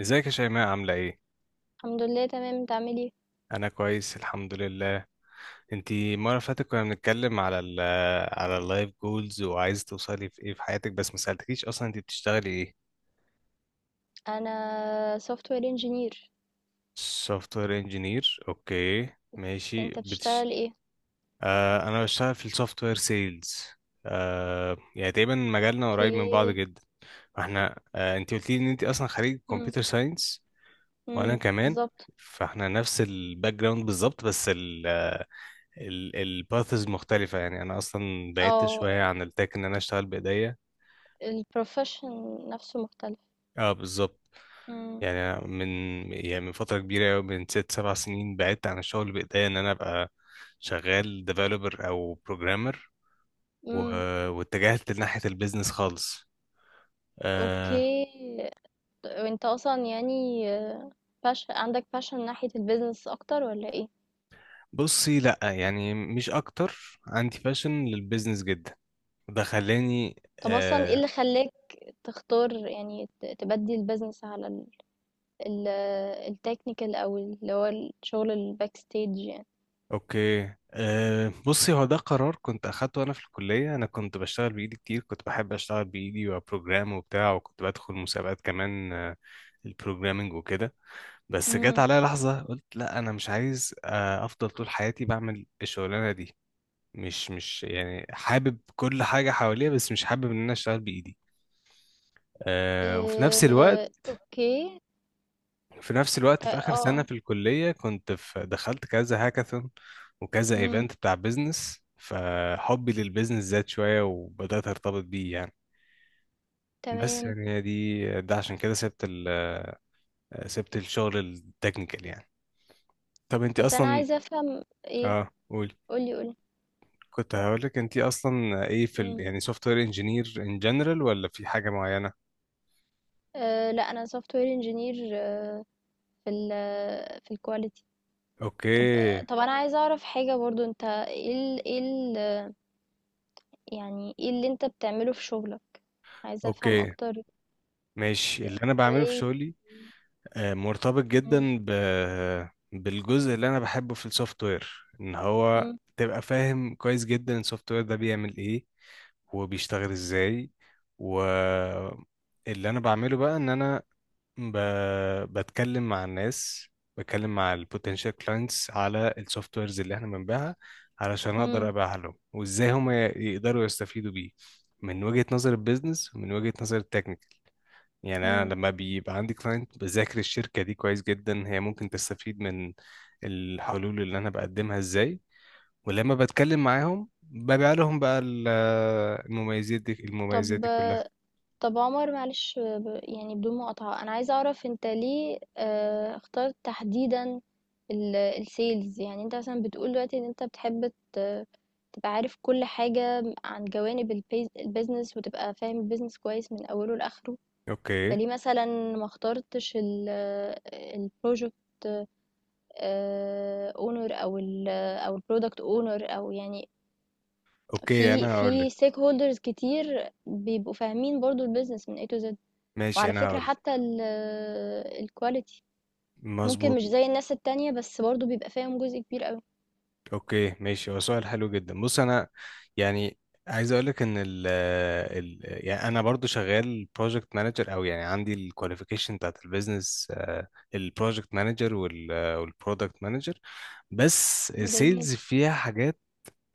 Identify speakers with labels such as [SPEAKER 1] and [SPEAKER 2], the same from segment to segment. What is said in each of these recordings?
[SPEAKER 1] ازيك يا شيماء عاملة ايه؟
[SPEAKER 2] الحمد لله تمام. انت عامل ايه؟
[SPEAKER 1] أنا كويس الحمد لله. انتي المرة اللي فاتت كنا بنتكلم على ال على اللايف جولز وعايزة توصلي في ايه في حياتك، بس ما سألتكيش، أصلا انتي بتشتغلي ايه؟
[SPEAKER 2] انا سوفت وير انجينير.
[SPEAKER 1] سوفت وير انجينير، اوكي.
[SPEAKER 2] بس
[SPEAKER 1] ماشي
[SPEAKER 2] انت بتشتغل ايه؟
[SPEAKER 1] آه، أنا بشتغل في السوفت وير سيلز. يعني تقريبا مجالنا قريب من بعض
[SPEAKER 2] اوكي.
[SPEAKER 1] جدا. فاحنا انتي قلتي ان انتي أصلا خريج
[SPEAKER 2] امم
[SPEAKER 1] كمبيوتر ساينس، وأنا
[SPEAKER 2] امم
[SPEAKER 1] كمان.
[SPEAKER 2] بالظبط.
[SPEAKER 1] فاحنا نفس الباك جراوند بالظبط، بس الباثز مختلفة. يعني أنا أصلا بعدت
[SPEAKER 2] اه،
[SPEAKER 1] شوية عن التك، إن أنا أشتغل بإيديا.
[SPEAKER 2] البروفيشن نفسه مختلف.
[SPEAKER 1] أه بالظبط.
[SPEAKER 2] امم.
[SPEAKER 1] يعني أنا من يعني من فترة كبيرة أوي، من ست سبع سنين بعدت عن الشغل بإيديا، إن أنا أبقى شغال ديفلوبر أو بروجرامر و...
[SPEAKER 2] امم.
[SPEAKER 1] واتجهت لناحية البيزنس خالص. أه.
[SPEAKER 2] اوكي. وانت اصلا يعني باش عندك باشن ناحية البيزنس اكتر ولا ايه؟
[SPEAKER 1] بصي، لأ يعني مش أكتر، عندي باشن للبيزنس جدا، ده خلاني
[SPEAKER 2] طب اصلا ايه اللي خلاك تختار يعني تبدي البيزنس على ال- التكنيكال او اللي هو الشغل الباك ستيج يعني؟
[SPEAKER 1] اوكي. أه، بصي، هو ده قرار كنت اخدته انا في الكليه. انا كنت بشتغل بايدي كتير، كنت بحب اشتغل بايدي وبروجرام وبتاع، وكنت بدخل مسابقات كمان، البروجرامينج وكده. بس جت عليا لحظه قلت لا، انا مش عايز افضل طول حياتي بعمل الشغلانه دي. مش يعني حابب كل حاجه حواليا، بس مش حابب ان انا اشتغل بايدي. أه، وفي نفس الوقت
[SPEAKER 2] اوكي.
[SPEAKER 1] في نفس الوقت
[SPEAKER 2] تا-
[SPEAKER 1] في آخر
[SPEAKER 2] اه
[SPEAKER 1] سنة
[SPEAKER 2] اه
[SPEAKER 1] في الكلية كنت في دخلت كذا هاكاثون وكذا
[SPEAKER 2] مم،
[SPEAKER 1] ايفنت بتاع بيزنس، فحبي للبيزنس زاد شوية وبدأت أرتبط بيه يعني. بس
[SPEAKER 2] تمام.
[SPEAKER 1] يعني هي دي، ده عشان كده سبت سبت الشغل التكنيكال يعني. طب انت
[SPEAKER 2] بس انا
[SPEAKER 1] أصلا،
[SPEAKER 2] عايزه افهم ايه.
[SPEAKER 1] اه قولي،
[SPEAKER 2] قولي.
[SPEAKER 1] كنت هقولك انت أصلا ايه في
[SPEAKER 2] مم.
[SPEAKER 1] يعني سوفت وير انجينير ان جنرال ولا في حاجة معينة؟
[SPEAKER 2] أه لا، انا سوفت وير انجينير في في الكواليتي.
[SPEAKER 1] اوكي.
[SPEAKER 2] طب طب انا عايزه اعرف حاجه برضو. انت ايه ال يعني ايه اللي انت بتعمله في شغلك؟ عايزه افهم
[SPEAKER 1] اوكي
[SPEAKER 2] اكتر.
[SPEAKER 1] ماشي، اللي انا بعمله في
[SPEAKER 2] ازاي؟
[SPEAKER 1] شغلي مرتبط
[SPEAKER 2] مم،
[SPEAKER 1] جدا بالجزء اللي انا بحبه في السوفت وير، ان هو
[SPEAKER 2] مم،
[SPEAKER 1] تبقى فاهم كويس جدا السوفت وير ده بيعمل ايه وبيشتغل ازاي. و اللي انا بعمله بقى ان انا ب... بتكلم مع الناس، بتكلم مع البوتنشال كلاينتس على السوفت ويرز اللي احنا بنبيعها، علشان اقدر
[SPEAKER 2] مم،
[SPEAKER 1] ابيعها لهم وازاي هم يقدروا يستفيدوا بيه، من وجهة نظر البيزنس ومن وجهة نظر التكنيكال. يعني
[SPEAKER 2] مم.
[SPEAKER 1] انا لما بيبقى عندي كلاينت بذاكر الشركه دي كويس جدا، هي ممكن تستفيد من الحلول اللي انا بقدمها ازاي، ولما بتكلم معاهم ببيع لهم بقى المميزات دي المميزات
[SPEAKER 2] طب
[SPEAKER 1] دي كلها.
[SPEAKER 2] طب عمر معلش، يعني بدون مقاطعة، أنا عايزة أعرف أنت ليه اخترت تحديدا السيلز. يعني أنت مثلا بتقول دلوقتي إن أنت بتحب تبقى عارف كل حاجة عن جوانب البيزنس، وتبقى فاهم البيزنس كويس من أوله لآخره.
[SPEAKER 1] اوكي.
[SPEAKER 2] فليه مثلا ما اخترتش البروجكت اونر أو ال أو البرودكت اونر، أو يعني
[SPEAKER 1] اوكي
[SPEAKER 2] في
[SPEAKER 1] انا هقول لك،
[SPEAKER 2] في ستيك هولدرز كتير بيبقوا فاهمين برضو البيزنس من A to Z.
[SPEAKER 1] ماشي
[SPEAKER 2] وعلى
[SPEAKER 1] انا
[SPEAKER 2] فكرة،
[SPEAKER 1] هقول لك.
[SPEAKER 2] حتى الquality ممكن
[SPEAKER 1] مظبوط.
[SPEAKER 2] مش زي الناس التانية، بس برضه بيبقى فيهم جزء كبير أوي.
[SPEAKER 1] اوكي ماشي، هو سؤال حلو جدا. بص انا يعني عايز اقول لك ان ال ال يعني انا برضو شغال بروجكت مانجر، او يعني عندي الكواليفيكيشن بتاعت البيزنس، البروجكت مانجر والبرودكت مانجر، بس
[SPEAKER 2] جميل.
[SPEAKER 1] السيلز فيها حاجات،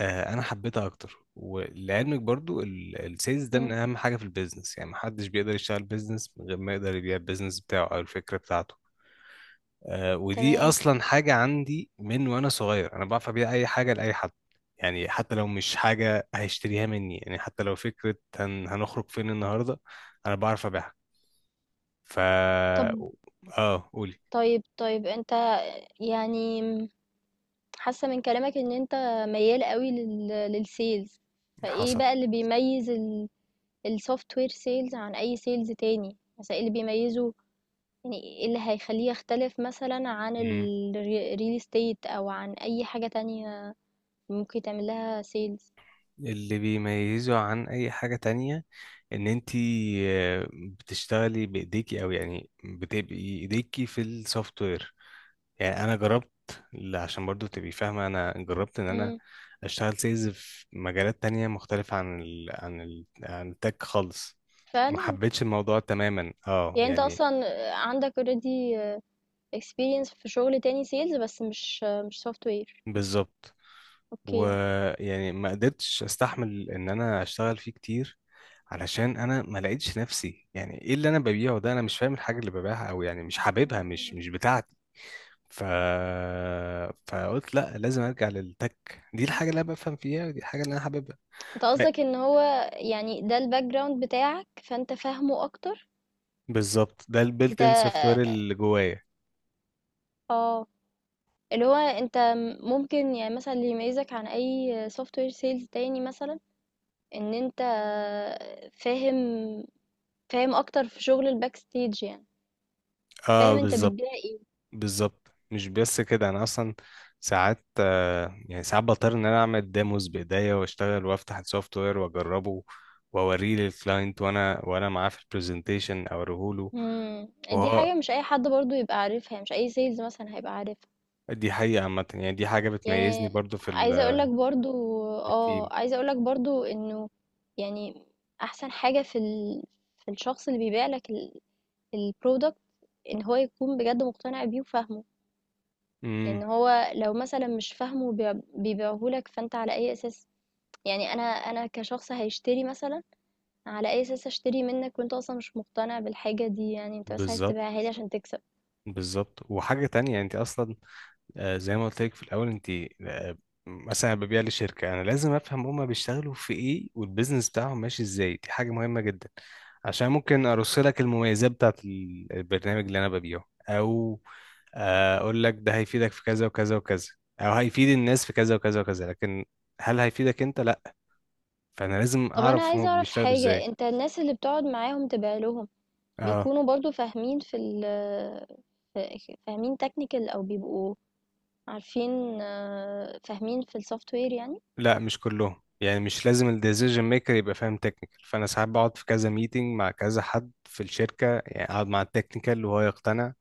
[SPEAKER 1] انا حبيتها اكتر. ولعلمك برضو السيلز ده من
[SPEAKER 2] إمم.
[SPEAKER 1] اهم حاجه في البيزنس، يعني محدش بيقدر يشتغل بيزنس من غير ما يقدر يبيع البيزنس بتاعه او الفكره بتاعته. ودي
[SPEAKER 2] تمام.
[SPEAKER 1] اصلا حاجه عندي من وانا صغير، انا بعرف ابيع اي حاجه لاي حد. يعني حتى لو مش حاجه هيشتريها مني، يعني حتى لو فكره هنخرج فين النهارده انا بعرف ابيعها. ف
[SPEAKER 2] طب
[SPEAKER 1] اه قولي.
[SPEAKER 2] طيب، طيب أنت، يعني م حاسة من كلامك إن أنت ميّال أوي للsales. فإيه
[SPEAKER 1] حصل.
[SPEAKER 2] بقى اللي بيميّز ال الsoftware sales عن أي sales تاني؟ مثلًا إيه اللي بيميّزه، يعني إيه اللي هيخلّيه يختلف مثلًا عن
[SPEAKER 1] مم.
[SPEAKER 2] real estate أو عن أي حاجة تانية ممكن تعمل لها sales؟
[SPEAKER 1] اللي بيميزه عن اي حاجه تانية ان انتي بتشتغلي بايديكي، او يعني بتبقي ايديكي في السوفت وير. يعني انا جربت، عشان برضو تبقي فاهمه، انا جربت ان انا
[SPEAKER 2] إمم.
[SPEAKER 1] اشتغل سيلز في مجالات تانية مختلفه عن التك خالص. ما
[SPEAKER 2] فعلًا؟
[SPEAKER 1] حبيتش الموضوع تماما، اه
[SPEAKER 2] يعني أنت
[SPEAKER 1] يعني.
[SPEAKER 2] أصلًا عندك already experience في شغل تاني sales، بس مش software.
[SPEAKER 1] بالظبط.
[SPEAKER 2] أوكي.
[SPEAKER 1] ويعني ما قدرتش استحمل ان انا اشتغل فيه كتير، علشان انا ما لقيتش نفسي يعني ايه اللي انا ببيعه ده، انا مش فاهم الحاجه اللي ببيعها، او يعني مش حاببها، مش
[SPEAKER 2] إمم.
[SPEAKER 1] مش بتاعتي. ف... فقلت لا، لازم ارجع للتك، دي الحاجه اللي انا بفهم فيها ودي الحاجه اللي انا حاببها.
[SPEAKER 2] أنت قصدك إن هو يعني ده الbackground بتاعك، فأنت فاهمه أكتر.
[SPEAKER 1] بالظبط، ده البيلت
[SPEAKER 2] أنت،
[SPEAKER 1] ان سوفت وير اللي جوايا.
[SPEAKER 2] آه، اللي هو أنت ممكن يعني مثلًا اللي يميزك عن أي software sales تاني مثلًا، إن أنت فاهم فاهم أكتر في شغل الbackstage يعني،
[SPEAKER 1] اه
[SPEAKER 2] فاهم أنت
[SPEAKER 1] بالظبط.
[SPEAKER 2] بتبيع إيه.
[SPEAKER 1] بالظبط، مش بس كده، انا اصلا ساعات يعني ساعات بضطر ان انا اعمل ديموز بايديا، واشتغل وافتح السوفت وير واجربه واوريه للكلاينت، وانا معاه في البرزنتيشن اوريه له
[SPEAKER 2] إمم. دي
[SPEAKER 1] وهو.
[SPEAKER 2] حاجة مش أي حد برضه يبقى عارفها، يعني مش أي sales مثلًا هيبقى عارفها.
[SPEAKER 1] دي حقيقة عامة، يعني دي حاجة بتميزني
[SPEAKER 2] يعني
[SPEAKER 1] برضو في
[SPEAKER 2] عايزة اقولك برضو،
[SPEAKER 1] في التيم.
[SPEAKER 2] اه عايزة اقولك برضو انه يعني احسن حاجة في في الشخص اللي بيبيع لك البرودكت، ان هو يكون بجد مقتنع بيه وفاهمه. ان
[SPEAKER 1] امم.
[SPEAKER 2] هو لو مثلا مش فاهمه وبيع- بيبيعهولك، فانت على اي اساس؟ يعني انا كشخص هيشتري مثلا، على اي اساس اشتري منك وانت اصلا مش مقتنع بالحاجة دي؟ يعني انت بس عايز
[SPEAKER 1] بالظبط.
[SPEAKER 2] تبيعها لي عشان تكسب.
[SPEAKER 1] بالظبط، وحاجة تانية، انت اصلا زي ما قلت لك في الاول انت، آه، مثلا ببيع لشركه، انا لازم افهم هما بيشتغلوا في ايه والبيزنس بتاعهم ماشي ازاي، دي حاجه مهمه جدا، عشان ممكن ارص لك المميزات بتاعت البرنامج اللي انا ببيعه، او اقول لك ده هيفيدك في كذا وكذا وكذا، او هيفيد الناس في كذا وكذا وكذا، لكن هل هيفيدك انت؟ لا. فانا لازم
[SPEAKER 2] طب انا
[SPEAKER 1] اعرف هما
[SPEAKER 2] عايزة اعرف
[SPEAKER 1] بيشتغلوا
[SPEAKER 2] حاجة،
[SPEAKER 1] ازاي.
[SPEAKER 2] انت الناس اللي بتقعد معاهم تبيع لهم
[SPEAKER 1] اه
[SPEAKER 2] بيكونوا برضو فاهمين في فاهمين تكنيكال، او بيبقوا عارفين، فاهمين في السوفت وير يعني؟
[SPEAKER 1] لا مش كلهم، يعني مش لازم الديسيجن ميكر يبقى فاهم تكنيكال. فانا ساعات بقعد في كذا ميتنج مع كذا حد في الشركه، يعني اقعد مع التكنيكال وهو يقتنع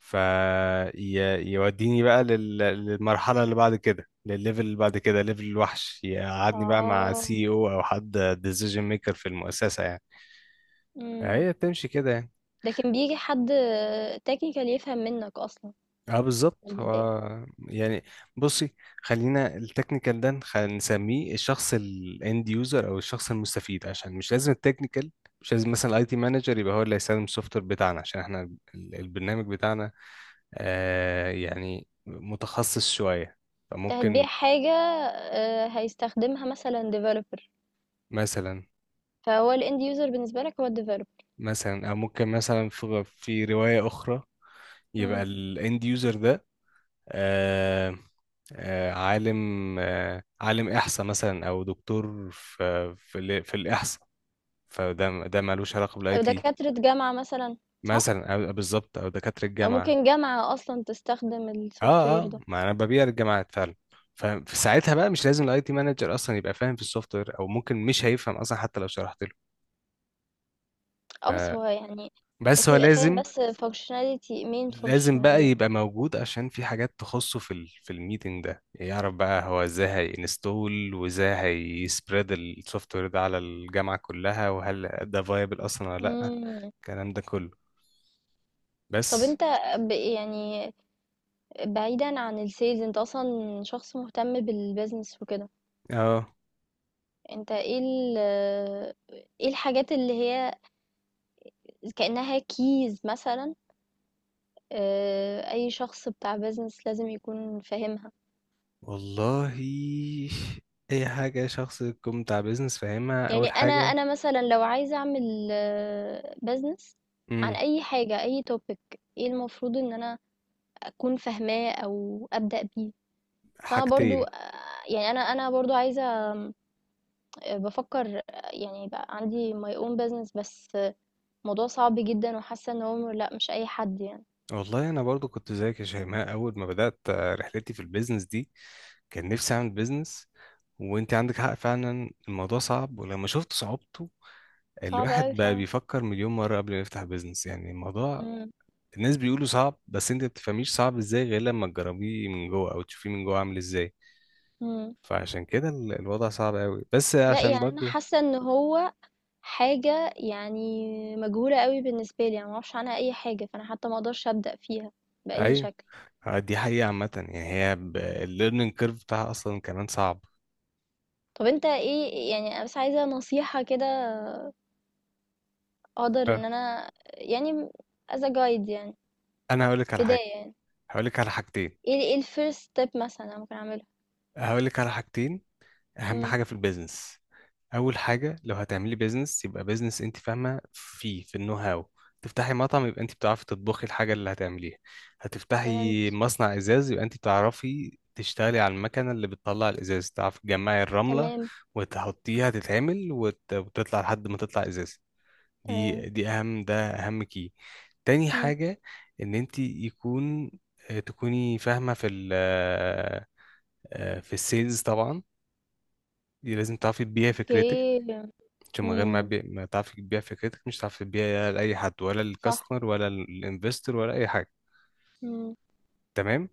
[SPEAKER 1] فيوديني بقى للمرحله اللي بعد كده، للليفل اللي بعد كده، ليفل الوحش يقعدني بقى مع
[SPEAKER 2] اه.
[SPEAKER 1] سي او او حد ديسيجن ميكر في المؤسسه يعني.
[SPEAKER 2] امم.
[SPEAKER 1] هي بتمشي كده يعني.
[SPEAKER 2] لكن بيجي حد تكنيكال يفهم منك اصلا
[SPEAKER 1] اه بالظبط،
[SPEAKER 2] من البدايه؟
[SPEAKER 1] هو يعني بصي، خلينا التكنيكال ده نسميه الشخص الاند يوزر او الشخص المستفيد، عشان مش لازم التكنيكال، مش لازم مثلا الاي تي مانجر يبقى هو اللي هيستخدم السوفت وير بتاعنا، عشان احنا البرنامج بتاعنا آه يعني متخصص شوية.
[SPEAKER 2] انت
[SPEAKER 1] فممكن
[SPEAKER 2] هتبيع حاجه هيستخدمها مثلا ديفلوبر،
[SPEAKER 1] مثلا.
[SPEAKER 2] فهو الاند يوزر بالنسبه لك هو الديفلوبر.
[SPEAKER 1] مثلا او ممكن مثلا في رواية اخرى يبقى الاند يوزر ده آه، عالم، عالم إحصاء مثلا، أو دكتور في الإحصاء، فده ده مالوش علاقة بالاي
[SPEAKER 2] او
[SPEAKER 1] تي.
[SPEAKER 2] دكاتره جامعه مثلا. صح.
[SPEAKER 1] مثلا أو بالظبط، أو دكاترة
[SPEAKER 2] او
[SPEAKER 1] الجامعة.
[SPEAKER 2] ممكن جامعه اصلا تستخدم السوفت
[SPEAKER 1] اه
[SPEAKER 2] وير
[SPEAKER 1] اه،
[SPEAKER 2] ده.
[SPEAKER 1] ما أنا ببيع للجامعات فعلا. ففي ساعتها بقى مش لازم الاي تي مانجر اصلا يبقى فاهم في السوفت وير، او ممكن مش هيفهم اصلا حتى لو شرحت له. ف-
[SPEAKER 2] اه بس هو يعني،
[SPEAKER 1] بس
[SPEAKER 2] اوكي
[SPEAKER 1] هو
[SPEAKER 2] يبقى فاهم
[SPEAKER 1] لازم،
[SPEAKER 2] بس functionality main
[SPEAKER 1] لازم
[SPEAKER 2] functional
[SPEAKER 1] بقى
[SPEAKER 2] يعني.
[SPEAKER 1] يبقى موجود، عشان في حاجات تخصه في ال في الميتنج ده، يعرف بقى هو ازاي هينستول وازاي هيسبريد السوفت وير ده على الجامعة كلها، وهل ده فايبل اصلا ولا لا،
[SPEAKER 2] مم.
[SPEAKER 1] الكلام ده كله.
[SPEAKER 2] طب
[SPEAKER 1] بس
[SPEAKER 2] انت، يعني بعيدا عن السيلز، انت اصلا شخص مهتم بالبيزنس وكده.
[SPEAKER 1] اه
[SPEAKER 2] انت ايه ايه الحاجات اللي هي كأنها كيز مثلا، اه، اي شخص بتاع بيزنس لازم يكون فاهمها؟
[SPEAKER 1] والله، اي حاجة شخص يكون بتاع بيزنس فاهمها،
[SPEAKER 2] يعني
[SPEAKER 1] اول
[SPEAKER 2] انا
[SPEAKER 1] حاجة.
[SPEAKER 2] انا مثلا لو عايزة اعمل بيزنس عن
[SPEAKER 1] امم.
[SPEAKER 2] اي حاجة، اي توبيك، ايه المفروض ان انا اكون فاهماه او ابدأ بيه؟ بس انا برضو،
[SPEAKER 1] حاجتين.
[SPEAKER 2] يعني انا برضو عايزه بفكر، يعني يبقى عندي my own business، بس الموضوع صعب جدا، وحاسه ان هو لا، مش اي حد يعني.
[SPEAKER 1] والله انا برضو كنت زيك يا شيماء، اول ما بدات رحلتي في البيزنس دي كان نفسي اعمل بيزنس. وانت عندك حق فعلا الموضوع صعب. ولما شفت صعوبته،
[SPEAKER 2] صعب قوي
[SPEAKER 1] الواحد بقى
[SPEAKER 2] فعلا.
[SPEAKER 1] بيفكر مليون مره قبل ما يفتح بيزنس، يعني الموضوع.
[SPEAKER 2] مم.
[SPEAKER 1] الناس بيقولوا صعب، بس انت ما بتفهميش صعب ازاي غير لما تجربيه من جوه او تشوفيه من جوه عامل ازاي.
[SPEAKER 2] مم.
[SPEAKER 1] فعشان كده الوضع صعب قوي، بس
[SPEAKER 2] لا
[SPEAKER 1] عشان
[SPEAKER 2] يعني انا
[SPEAKER 1] برضو.
[SPEAKER 2] حاسه ان هو حاجه يعني مجهوله قوي بالنسبه لي، يعني ما اعرفش عنها اي حاجه، فانا حتى ما اقدرش ابدا فيها باي
[SPEAKER 1] ايوه
[SPEAKER 2] شكل.
[SPEAKER 1] دي حقيقه عامه، يعني هي الليرنينج كيرف بتاعها اصلا كمان صعب.
[SPEAKER 2] طب انت ايه، يعني انا بس عايزه نصيحه كده اقدر
[SPEAKER 1] آه،
[SPEAKER 2] ان انا يعني as a guide يعني
[SPEAKER 1] انا هقول لك على حاجه،
[SPEAKER 2] بدايه يعني،
[SPEAKER 1] هقول لك على حاجتين،
[SPEAKER 2] ايه ايه الفيرست ستيب مثلا انا ممكن اعملها؟
[SPEAKER 1] هقول لك على حاجتين. اهم حاجه في البيزنس، اول حاجه لو هتعملي بيزنس يبقى بيزنس انت فاهمه فيه، في النو هاو. تفتحي مطعم يبقى انت بتعرفي تطبخي الحاجه اللي هتعمليها، هتفتحي
[SPEAKER 2] فهمت.
[SPEAKER 1] مصنع ازاز يبقى انت بتعرفي تشتغلي على المكنه اللي بتطلع الازاز، تعرفي تجمعي الرمله
[SPEAKER 2] تمام.
[SPEAKER 1] وتحطيها تتعمل وتطلع لحد ما تطلع ازاز.
[SPEAKER 2] تمام.
[SPEAKER 1] دي اهم كي. تاني
[SPEAKER 2] مم.
[SPEAKER 1] حاجه، ان انت يكون، تكوني فاهمه في ال في السيلز طبعا، دي لازم تعرفي تبيعي فكرتك.
[SPEAKER 2] اوكي.
[SPEAKER 1] عشان من غير
[SPEAKER 2] مم.
[SPEAKER 1] ما تعرفي تبيعي فكرتك مش هتعرفي تبيعي لأي حد، ولا
[SPEAKER 2] صح.
[SPEAKER 1] للكاستمر ولا للانفستور ولا أي حاجة.
[SPEAKER 2] مم.
[SPEAKER 1] تمام.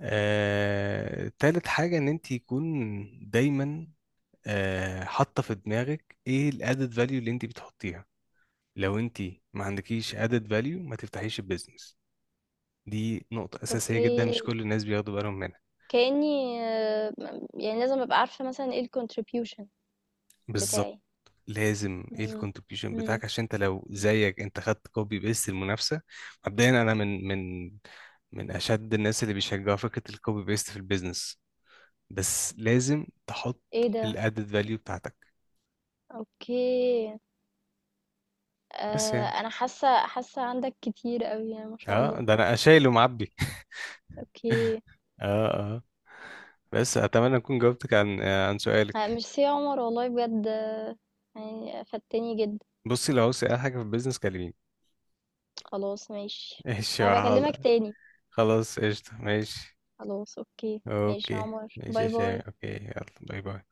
[SPEAKER 1] تالت حاجة، إن أنت يكون دايما حاطة في دماغك إيه الأدد فاليو اللي أنت بتحطيها. لو أنت ما عندكيش أدد فاليو ما تفتحيش البيزنس. دي نقطة أساسية
[SPEAKER 2] اوكي.
[SPEAKER 1] جدا مش كل الناس بياخدوا بالهم منها.
[SPEAKER 2] كأني يعني لازم ابقى عارفة مثلا ايه الكونتريبيوشن
[SPEAKER 1] بالظبط.
[SPEAKER 2] بتاعي.
[SPEAKER 1] لازم ايه
[SPEAKER 2] مم.
[SPEAKER 1] الكونتريبيوشن
[SPEAKER 2] مم.
[SPEAKER 1] بتاعك، عشان انت لو زيك انت خدت كوبي بيست المنافسه. مبدئيا انا من اشد الناس اللي بيشجعوا فكره الكوبي بيست في البيزنس، بس لازم تحط
[SPEAKER 2] ايه ده.
[SPEAKER 1] الادد فاليو بتاعتك.
[SPEAKER 2] اوكي.
[SPEAKER 1] بس
[SPEAKER 2] آه
[SPEAKER 1] يعني،
[SPEAKER 2] انا حاسة عندك كتير قوي يعني، ما شاء
[SPEAKER 1] اه
[SPEAKER 2] الله.
[SPEAKER 1] ده انا شايل ومعبي.
[SPEAKER 2] اوكي.
[SPEAKER 1] اه اه، بس اتمنى اكون جاوبتك عن عن سؤالك.
[SPEAKER 2] ميرسي يا عمر، والله بجد، يعني فدتني جدا.
[SPEAKER 1] بصي لو عاوز اي حاجه في البيزنس كلميني.
[SPEAKER 2] خلاص ماشي.
[SPEAKER 1] ماشي يا
[SPEAKER 2] انا بكلمك
[SPEAKER 1] حاضر.
[SPEAKER 2] تاني.
[SPEAKER 1] خلاص قشطه ماشي.
[SPEAKER 2] خلاص اوكي. ماشي يا
[SPEAKER 1] اوكي.
[SPEAKER 2] عمر،
[SPEAKER 1] ماشي يا
[SPEAKER 2] باي باي.
[SPEAKER 1] شيماء، اوكي يلا باي باي.